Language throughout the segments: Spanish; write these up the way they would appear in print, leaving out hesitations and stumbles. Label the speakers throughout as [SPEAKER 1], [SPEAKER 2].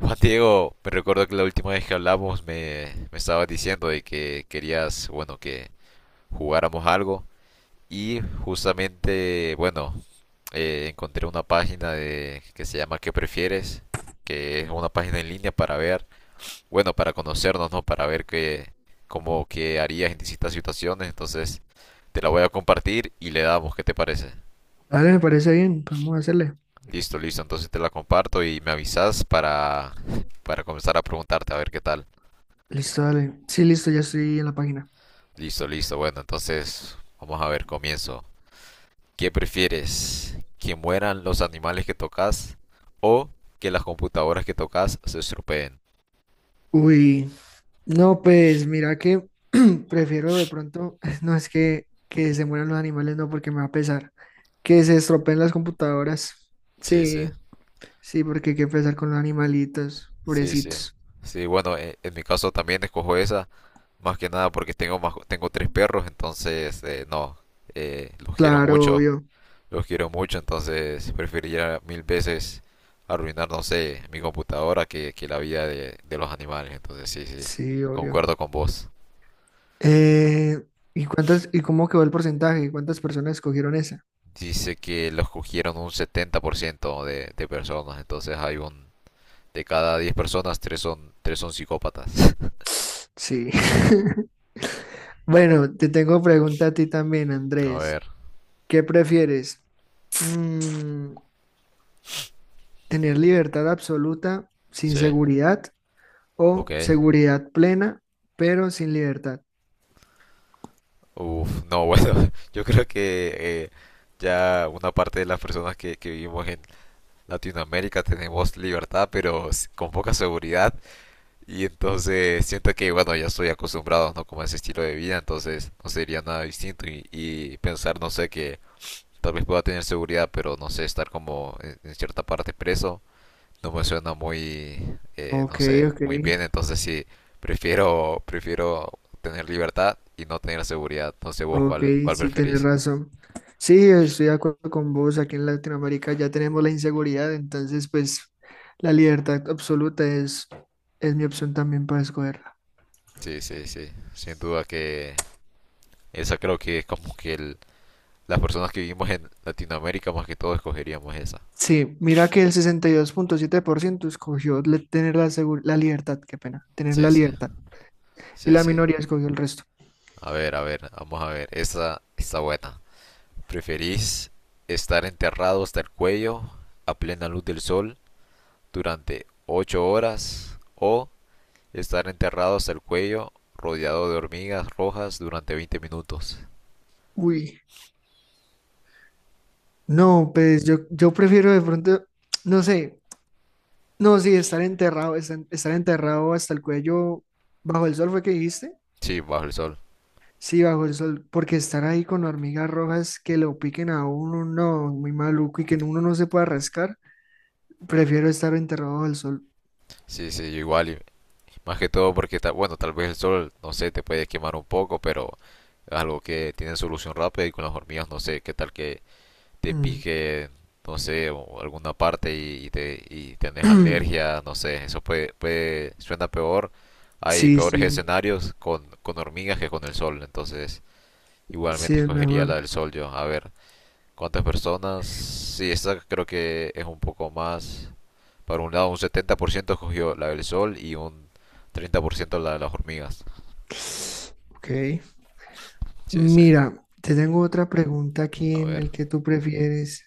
[SPEAKER 1] Juan Diego, me recuerdo que la última vez que hablamos me estabas diciendo de que querías, bueno, que jugáramos algo y justamente, bueno, encontré una página que se llama ¿Qué prefieres?, que es una página en línea para ver, bueno, para conocernos, ¿no? Para ver qué harías en distintas situaciones. Entonces, te la voy a compartir y le damos, ¿qué te parece?
[SPEAKER 2] Dale, me parece bien, podemos hacerle.
[SPEAKER 1] Listo, listo, entonces te la comparto y me avisas para comenzar a preguntarte a ver qué tal.
[SPEAKER 2] Listo, dale. Sí, listo, ya estoy en la página.
[SPEAKER 1] Listo, listo. Bueno, entonces vamos a ver, comienzo. ¿Qué prefieres? ¿Que mueran los animales que tocas o que las computadoras que tocas se estropeen?
[SPEAKER 2] Uy, no, pues mira que prefiero de pronto, no es que se mueran los animales, no, porque me va a pesar. Que se estropeen las computadoras.
[SPEAKER 1] Sí, sí,
[SPEAKER 2] Sí, sí, porque hay que empezar con los animalitos,
[SPEAKER 1] sí, sí.
[SPEAKER 2] pobrecitos.
[SPEAKER 1] Sí, bueno, en mi caso también escojo esa, más que nada porque tengo tres perros, entonces no, eh, los quiero
[SPEAKER 2] Claro,
[SPEAKER 1] mucho,
[SPEAKER 2] obvio.
[SPEAKER 1] los quiero mucho, entonces preferiría mil veces arruinar, no sé, mi computadora que la vida de los animales, entonces sí, sí,
[SPEAKER 2] Sí, obvio.
[SPEAKER 1] concuerdo con vos.
[SPEAKER 2] Eh, ¿y cuántas, y cómo quedó el porcentaje? ¿Cuántas personas escogieron esa?
[SPEAKER 1] Dice que los cogieron un 70% de personas, entonces hay un... De cada 10 personas, tres son psicópatas.
[SPEAKER 2] Sí. Bueno, te tengo pregunta a ti también,
[SPEAKER 1] A
[SPEAKER 2] Andrés.
[SPEAKER 1] ver,
[SPEAKER 2] ¿Qué prefieres? Mm, ¿tener libertad absoluta sin
[SPEAKER 1] sí,
[SPEAKER 2] seguridad
[SPEAKER 1] ok.
[SPEAKER 2] o seguridad plena pero sin libertad?
[SPEAKER 1] Uf, no, bueno, yo creo que ya una parte de las personas que vivimos en Latinoamérica tenemos libertad, pero con poca seguridad. Y entonces siento que, bueno, ya estoy acostumbrado, ¿no? Como a ese estilo de vida, entonces no sería nada distinto. Y pensar, no sé, que tal vez pueda tener seguridad, pero no sé, estar como en cierta parte preso no me suena muy, no
[SPEAKER 2] Ok,
[SPEAKER 1] sé,
[SPEAKER 2] ok,
[SPEAKER 1] muy bien. Entonces sí, prefiero tener libertad y no tener seguridad. No sé vos
[SPEAKER 2] ok,
[SPEAKER 1] cuál
[SPEAKER 2] sí tienes
[SPEAKER 1] preferís.
[SPEAKER 2] razón. Sí, estoy de acuerdo con vos. Aquí en Latinoamérica ya tenemos la inseguridad, entonces pues la libertad absoluta es mi opción también para escogerla.
[SPEAKER 1] Sí, sí, sí. Sin duda que esa creo que es como que las personas que vivimos en Latinoamérica más que todo escogeríamos esa.
[SPEAKER 2] Sí, mira que el 62,7% escogió tener la libertad, qué pena, tener
[SPEAKER 1] Sí,
[SPEAKER 2] la
[SPEAKER 1] sí,
[SPEAKER 2] libertad y
[SPEAKER 1] sí,
[SPEAKER 2] la
[SPEAKER 1] sí.
[SPEAKER 2] minoría escogió el resto.
[SPEAKER 1] A ver, vamos a ver. Esa está buena. ¿Preferís estar enterrado hasta el cuello a plena luz del sol durante 8 horas o estar enterrado hasta el cuello rodeado de hormigas rojas durante 20 minutos?
[SPEAKER 2] Uy. No, pues yo prefiero de pronto, no sé, no, sí, estar enterrado hasta el cuello bajo el sol, ¿fue que dijiste?
[SPEAKER 1] Sí, bajo el sol.
[SPEAKER 2] Sí, bajo el sol, porque estar ahí con hormigas rojas que lo piquen a uno, no, muy maluco y que uno no se pueda rascar, prefiero estar enterrado bajo el sol.
[SPEAKER 1] Sí, sí, igual. Y más que todo porque, bueno, tal vez el sol, no sé, te puede quemar un poco, pero es algo que tiene solución rápida y con las hormigas, no sé, qué tal que te
[SPEAKER 2] Mm.
[SPEAKER 1] pique, no sé, o alguna parte y te, y tenés alergia, no sé, eso suena peor. Hay
[SPEAKER 2] Sí,
[SPEAKER 1] peores
[SPEAKER 2] sí,
[SPEAKER 1] escenarios con hormigas que con el sol, entonces...
[SPEAKER 2] sí,
[SPEAKER 1] Igualmente
[SPEAKER 2] es
[SPEAKER 1] escogería
[SPEAKER 2] mejor.
[SPEAKER 1] la del sol yo. A ver, ¿cuántas personas? Sí, esta creo que es un poco más. Para un lado, un 70% escogió la del sol y un 30% la de las hormigas.
[SPEAKER 2] Ok.
[SPEAKER 1] Sí, sí.
[SPEAKER 2] Mira, te tengo otra pregunta aquí
[SPEAKER 1] A
[SPEAKER 2] en
[SPEAKER 1] ver.
[SPEAKER 2] el que tú prefieres.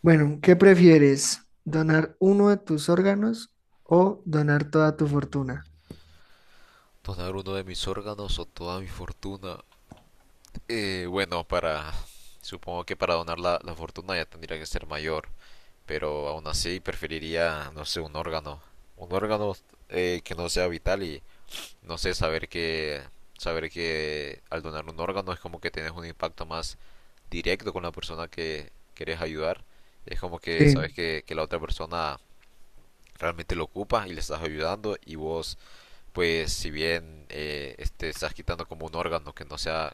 [SPEAKER 2] Bueno, ¿qué prefieres? ¿Donar uno de tus órganos o donar toda tu fortuna?
[SPEAKER 1] Donar uno de mis órganos o toda mi fortuna. Bueno, para... Supongo que para donar la fortuna ya tendría que ser mayor. Pero aún así preferiría, no sé, un órgano. Un órgano que no sea vital y no sé, saber que al donar un órgano es como que tienes un impacto más directo con la persona que quieres ayudar. Es como que sabes
[SPEAKER 2] Sí,
[SPEAKER 1] que la otra persona realmente lo ocupa y le estás ayudando y vos, pues si bien estás quitando como un órgano que no sea,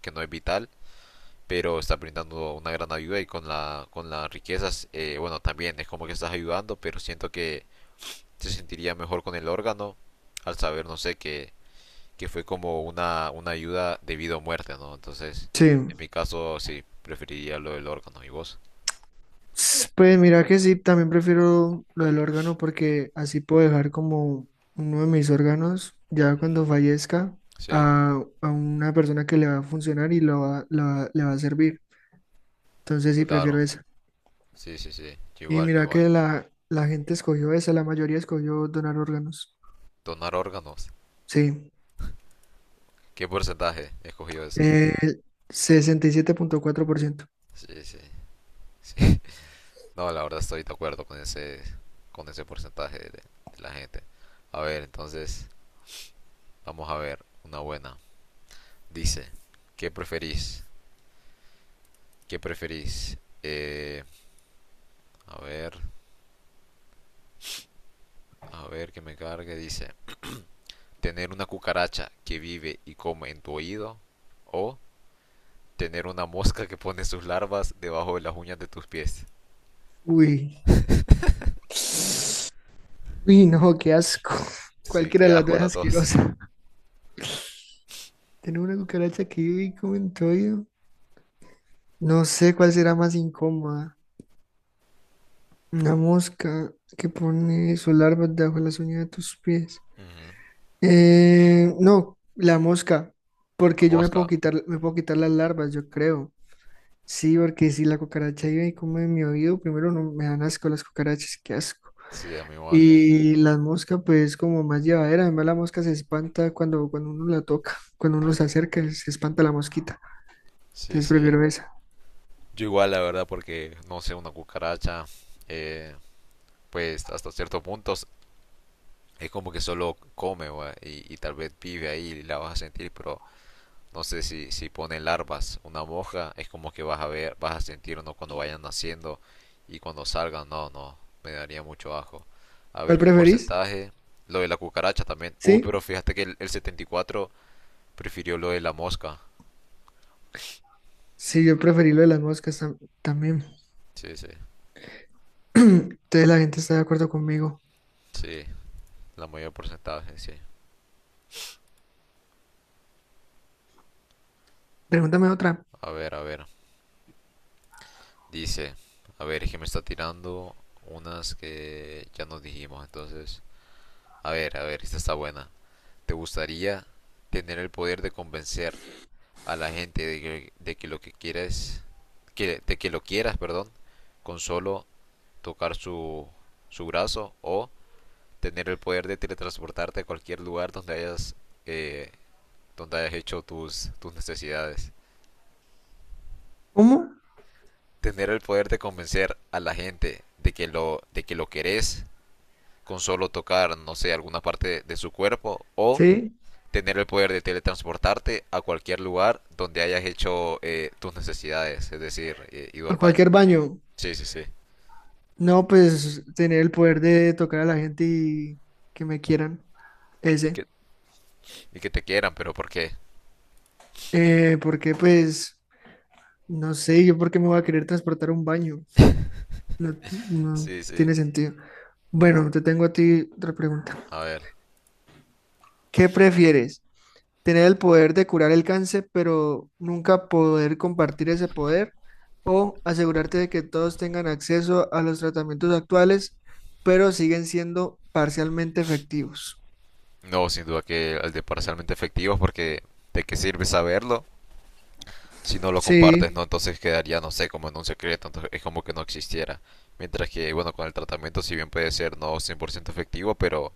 [SPEAKER 1] que no es vital, pero está brindando una gran ayuda y con las riquezas bueno también es como que estás ayudando, pero siento que se sentiría mejor con el órgano al saber, no sé, que fue como una ayuda de vida o muerte, ¿no? Entonces,
[SPEAKER 2] sí.
[SPEAKER 1] en mi caso, sí, preferiría lo del órgano. ¿Y vos?
[SPEAKER 2] S- Pues mira que sí, también prefiero lo del órgano porque así puedo dejar como uno de mis órganos ya cuando fallezca
[SPEAKER 1] Sí,
[SPEAKER 2] a una persona que le va a funcionar y le va a servir. Entonces sí, prefiero
[SPEAKER 1] claro.
[SPEAKER 2] esa.
[SPEAKER 1] Sí, sí, sí. Yo
[SPEAKER 2] Y
[SPEAKER 1] igual, yo
[SPEAKER 2] mira
[SPEAKER 1] igual.
[SPEAKER 2] que la gente escogió esa, la mayoría escogió donar órganos.
[SPEAKER 1] Donar órganos.
[SPEAKER 2] Sí,
[SPEAKER 1] ¿Qué porcentaje escogió esa?
[SPEAKER 2] el 67,4%.
[SPEAKER 1] Sí, sí, sí. No, la verdad estoy de acuerdo con ese, porcentaje de la gente. A ver, entonces, vamos a ver una buena. Dice, ¿qué preferís? ¿Qué preferís? A ver, a ver que me cargue. Dice, tener una cucaracha que vive y come en tu oído o tener una mosca que pone sus larvas debajo de las uñas de tus pies.
[SPEAKER 2] Uy. Uy, no, qué asco.
[SPEAKER 1] Sí,
[SPEAKER 2] Cualquiera
[SPEAKER 1] qué
[SPEAKER 2] de las dos
[SPEAKER 1] asco
[SPEAKER 2] es
[SPEAKER 1] las dos.
[SPEAKER 2] asquerosa. Tener una cucaracha que vive y come en todo oído. No sé cuál será más incómoda. Una mosca que pone su larva debajo de las uñas de tus pies.
[SPEAKER 1] Ujú.
[SPEAKER 2] No, la mosca.
[SPEAKER 1] La
[SPEAKER 2] Porque yo me puedo
[SPEAKER 1] mosca,
[SPEAKER 2] quitar, me puedo quitar las larvas, yo creo. Sí, porque si la cucaracha vive y come en mi oído, primero no me dan asco las cucarachas, qué asco.
[SPEAKER 1] sí, a mí igual.
[SPEAKER 2] Y las moscas, pues, como más llevadera. Además, la mosca se espanta cuando uno la toca, cuando uno se acerca, se espanta la mosquita.
[SPEAKER 1] Sí,
[SPEAKER 2] Entonces,
[SPEAKER 1] sí.
[SPEAKER 2] prefiero esa.
[SPEAKER 1] Yo igual, la verdad, porque no sé, una cucaracha, eh, pues hasta ciertos puntos es como que solo come, va, y tal vez vive ahí y la vas a sentir, pero no sé si ponen larvas, una moja, es como que vas a ver, vas a sentir no cuando vayan naciendo y cuando salgan, no, no, me daría mucho ajo. A
[SPEAKER 2] ¿Cuál
[SPEAKER 1] ver qué
[SPEAKER 2] preferís?
[SPEAKER 1] porcentaje. Lo de la cucaracha también.
[SPEAKER 2] Sí,
[SPEAKER 1] Pero fíjate que el 74 prefirió lo de la mosca.
[SPEAKER 2] sí, yo preferí lo de las también.
[SPEAKER 1] Sí, sí,
[SPEAKER 2] Entonces, la gente está de acuerdo conmigo.
[SPEAKER 1] sí, la mayor porcentaje, sí.
[SPEAKER 2] Pregúntame otra.
[SPEAKER 1] A ver, a ver. Dice, a ver, es que me está tirando unas que ya nos dijimos, entonces. A ver, esta está buena. ¿Te gustaría tener el poder de convencer a la gente de que lo que quieres, de que lo quieras, perdón, con solo tocar su, brazo o tener el poder de teletransportarte a cualquier lugar eh, donde hayas hecho tus, necesidades?
[SPEAKER 2] ¿Cómo?
[SPEAKER 1] Tener el poder de convencer a la gente de que lo querés con solo tocar, no sé, alguna parte de su cuerpo o
[SPEAKER 2] Sí,
[SPEAKER 1] tener el poder de teletransportarte a cualquier lugar donde hayas hecho, tus necesidades, es decir, ido al
[SPEAKER 2] a
[SPEAKER 1] baño.
[SPEAKER 2] cualquier baño.
[SPEAKER 1] Sí, sí, sí.
[SPEAKER 2] No, pues, tener el poder de tocar a la gente y que me quieran.
[SPEAKER 1] Y
[SPEAKER 2] Ese.
[SPEAKER 1] que, y que te quieran, pero ¿por qué?
[SPEAKER 2] Porque, pues, no sé, yo por qué me voy a querer transportar a un baño. No, no
[SPEAKER 1] Sí, sí.
[SPEAKER 2] tiene sentido. Bueno, te tengo a ti otra pregunta.
[SPEAKER 1] A ver.
[SPEAKER 2] ¿Qué prefieres? ¿Tener el poder de curar el cáncer, pero nunca poder compartir ese poder? ¿O asegurarte de que todos tengan acceso a los tratamientos actuales, pero siguen siendo parcialmente efectivos?
[SPEAKER 1] No, sin duda que el de parcialmente efectivo, porque ¿de qué sirve saberlo si no lo
[SPEAKER 2] Sí,
[SPEAKER 1] compartes? Sí, ¿no? Sí, entonces quedaría, no sé, como en un secreto, entonces es como que no existiera. Mientras que, bueno, con el tratamiento, si bien puede ser no 100% efectivo, pero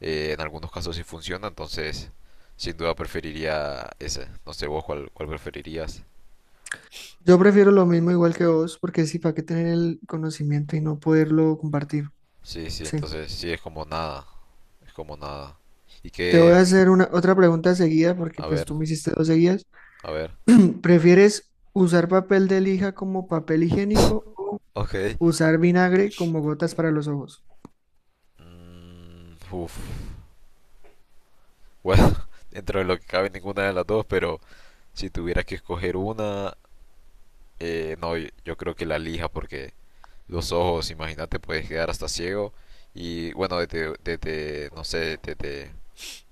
[SPEAKER 1] en algunos casos sí funciona, entonces sin duda preferiría ese. No sé vos cuál preferirías.
[SPEAKER 2] yo prefiero lo mismo igual que vos, porque sí, ¿para qué tener el conocimiento y no poderlo compartir?
[SPEAKER 1] Sí, sí,
[SPEAKER 2] Sí.
[SPEAKER 1] entonces sí es como nada. Es como nada. Y
[SPEAKER 2] Te voy
[SPEAKER 1] que,
[SPEAKER 2] a
[SPEAKER 1] sí,
[SPEAKER 2] hacer una, otra pregunta seguida, porque
[SPEAKER 1] a
[SPEAKER 2] pues
[SPEAKER 1] ver,
[SPEAKER 2] tú me hiciste dos seguidas.
[SPEAKER 1] a ver.
[SPEAKER 2] ¿Prefieres usar papel de lija como papel higiénico o
[SPEAKER 1] Ok.
[SPEAKER 2] usar vinagre como gotas para los ojos?
[SPEAKER 1] Uf, bueno, dentro de lo que cabe ninguna de las dos, pero si tuviera que escoger una, no, yo creo que la lija porque los ojos, imagínate, puedes quedar hasta ciego y bueno, no sé, desde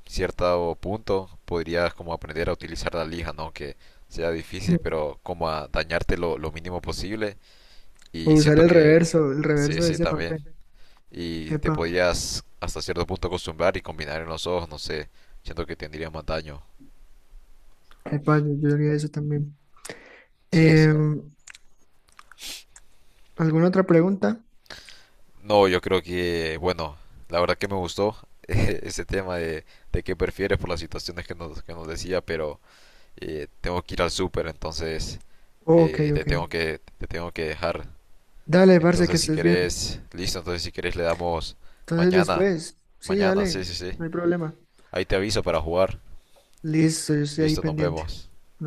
[SPEAKER 1] cierto punto podrías como aprender a utilizar la lija, ¿no? Que sea difícil,
[SPEAKER 2] Ujú.
[SPEAKER 1] pero como a dañarte lo mínimo posible
[SPEAKER 2] O
[SPEAKER 1] y
[SPEAKER 2] usar
[SPEAKER 1] siento
[SPEAKER 2] el
[SPEAKER 1] que
[SPEAKER 2] reverso, el reverso
[SPEAKER 1] sí,
[SPEAKER 2] de
[SPEAKER 1] sí,
[SPEAKER 2] ese
[SPEAKER 1] también.
[SPEAKER 2] papel.
[SPEAKER 1] Y te
[SPEAKER 2] Epa,
[SPEAKER 1] podías hasta cierto punto acostumbrar y combinar en los ojos, no sé, siento que tendría más daño.
[SPEAKER 2] epa, yo haría eso también.
[SPEAKER 1] Sí, sí.
[SPEAKER 2] Em, ¿alguna otra pregunta?
[SPEAKER 1] No, yo creo que, bueno, la verdad que me gustó ese tema de qué prefieres por las situaciones que nos decía, pero tengo que ir al súper, entonces
[SPEAKER 2] Ok,
[SPEAKER 1] te
[SPEAKER 2] ok.
[SPEAKER 1] tengo que, te tengo que dejar.
[SPEAKER 2] Dale, parce, que
[SPEAKER 1] Entonces, si
[SPEAKER 2] estés bien.
[SPEAKER 1] querés, listo, entonces si querés le damos
[SPEAKER 2] Entonces
[SPEAKER 1] mañana,
[SPEAKER 2] después, sí,
[SPEAKER 1] mañana,
[SPEAKER 2] dale,
[SPEAKER 1] sí, sí, sí.
[SPEAKER 2] no hay problema.
[SPEAKER 1] Ahí te aviso para jugar.
[SPEAKER 2] Listo, yo estoy ahí
[SPEAKER 1] Listo, nos
[SPEAKER 2] pendiente.
[SPEAKER 1] vemos.
[SPEAKER 2] Nos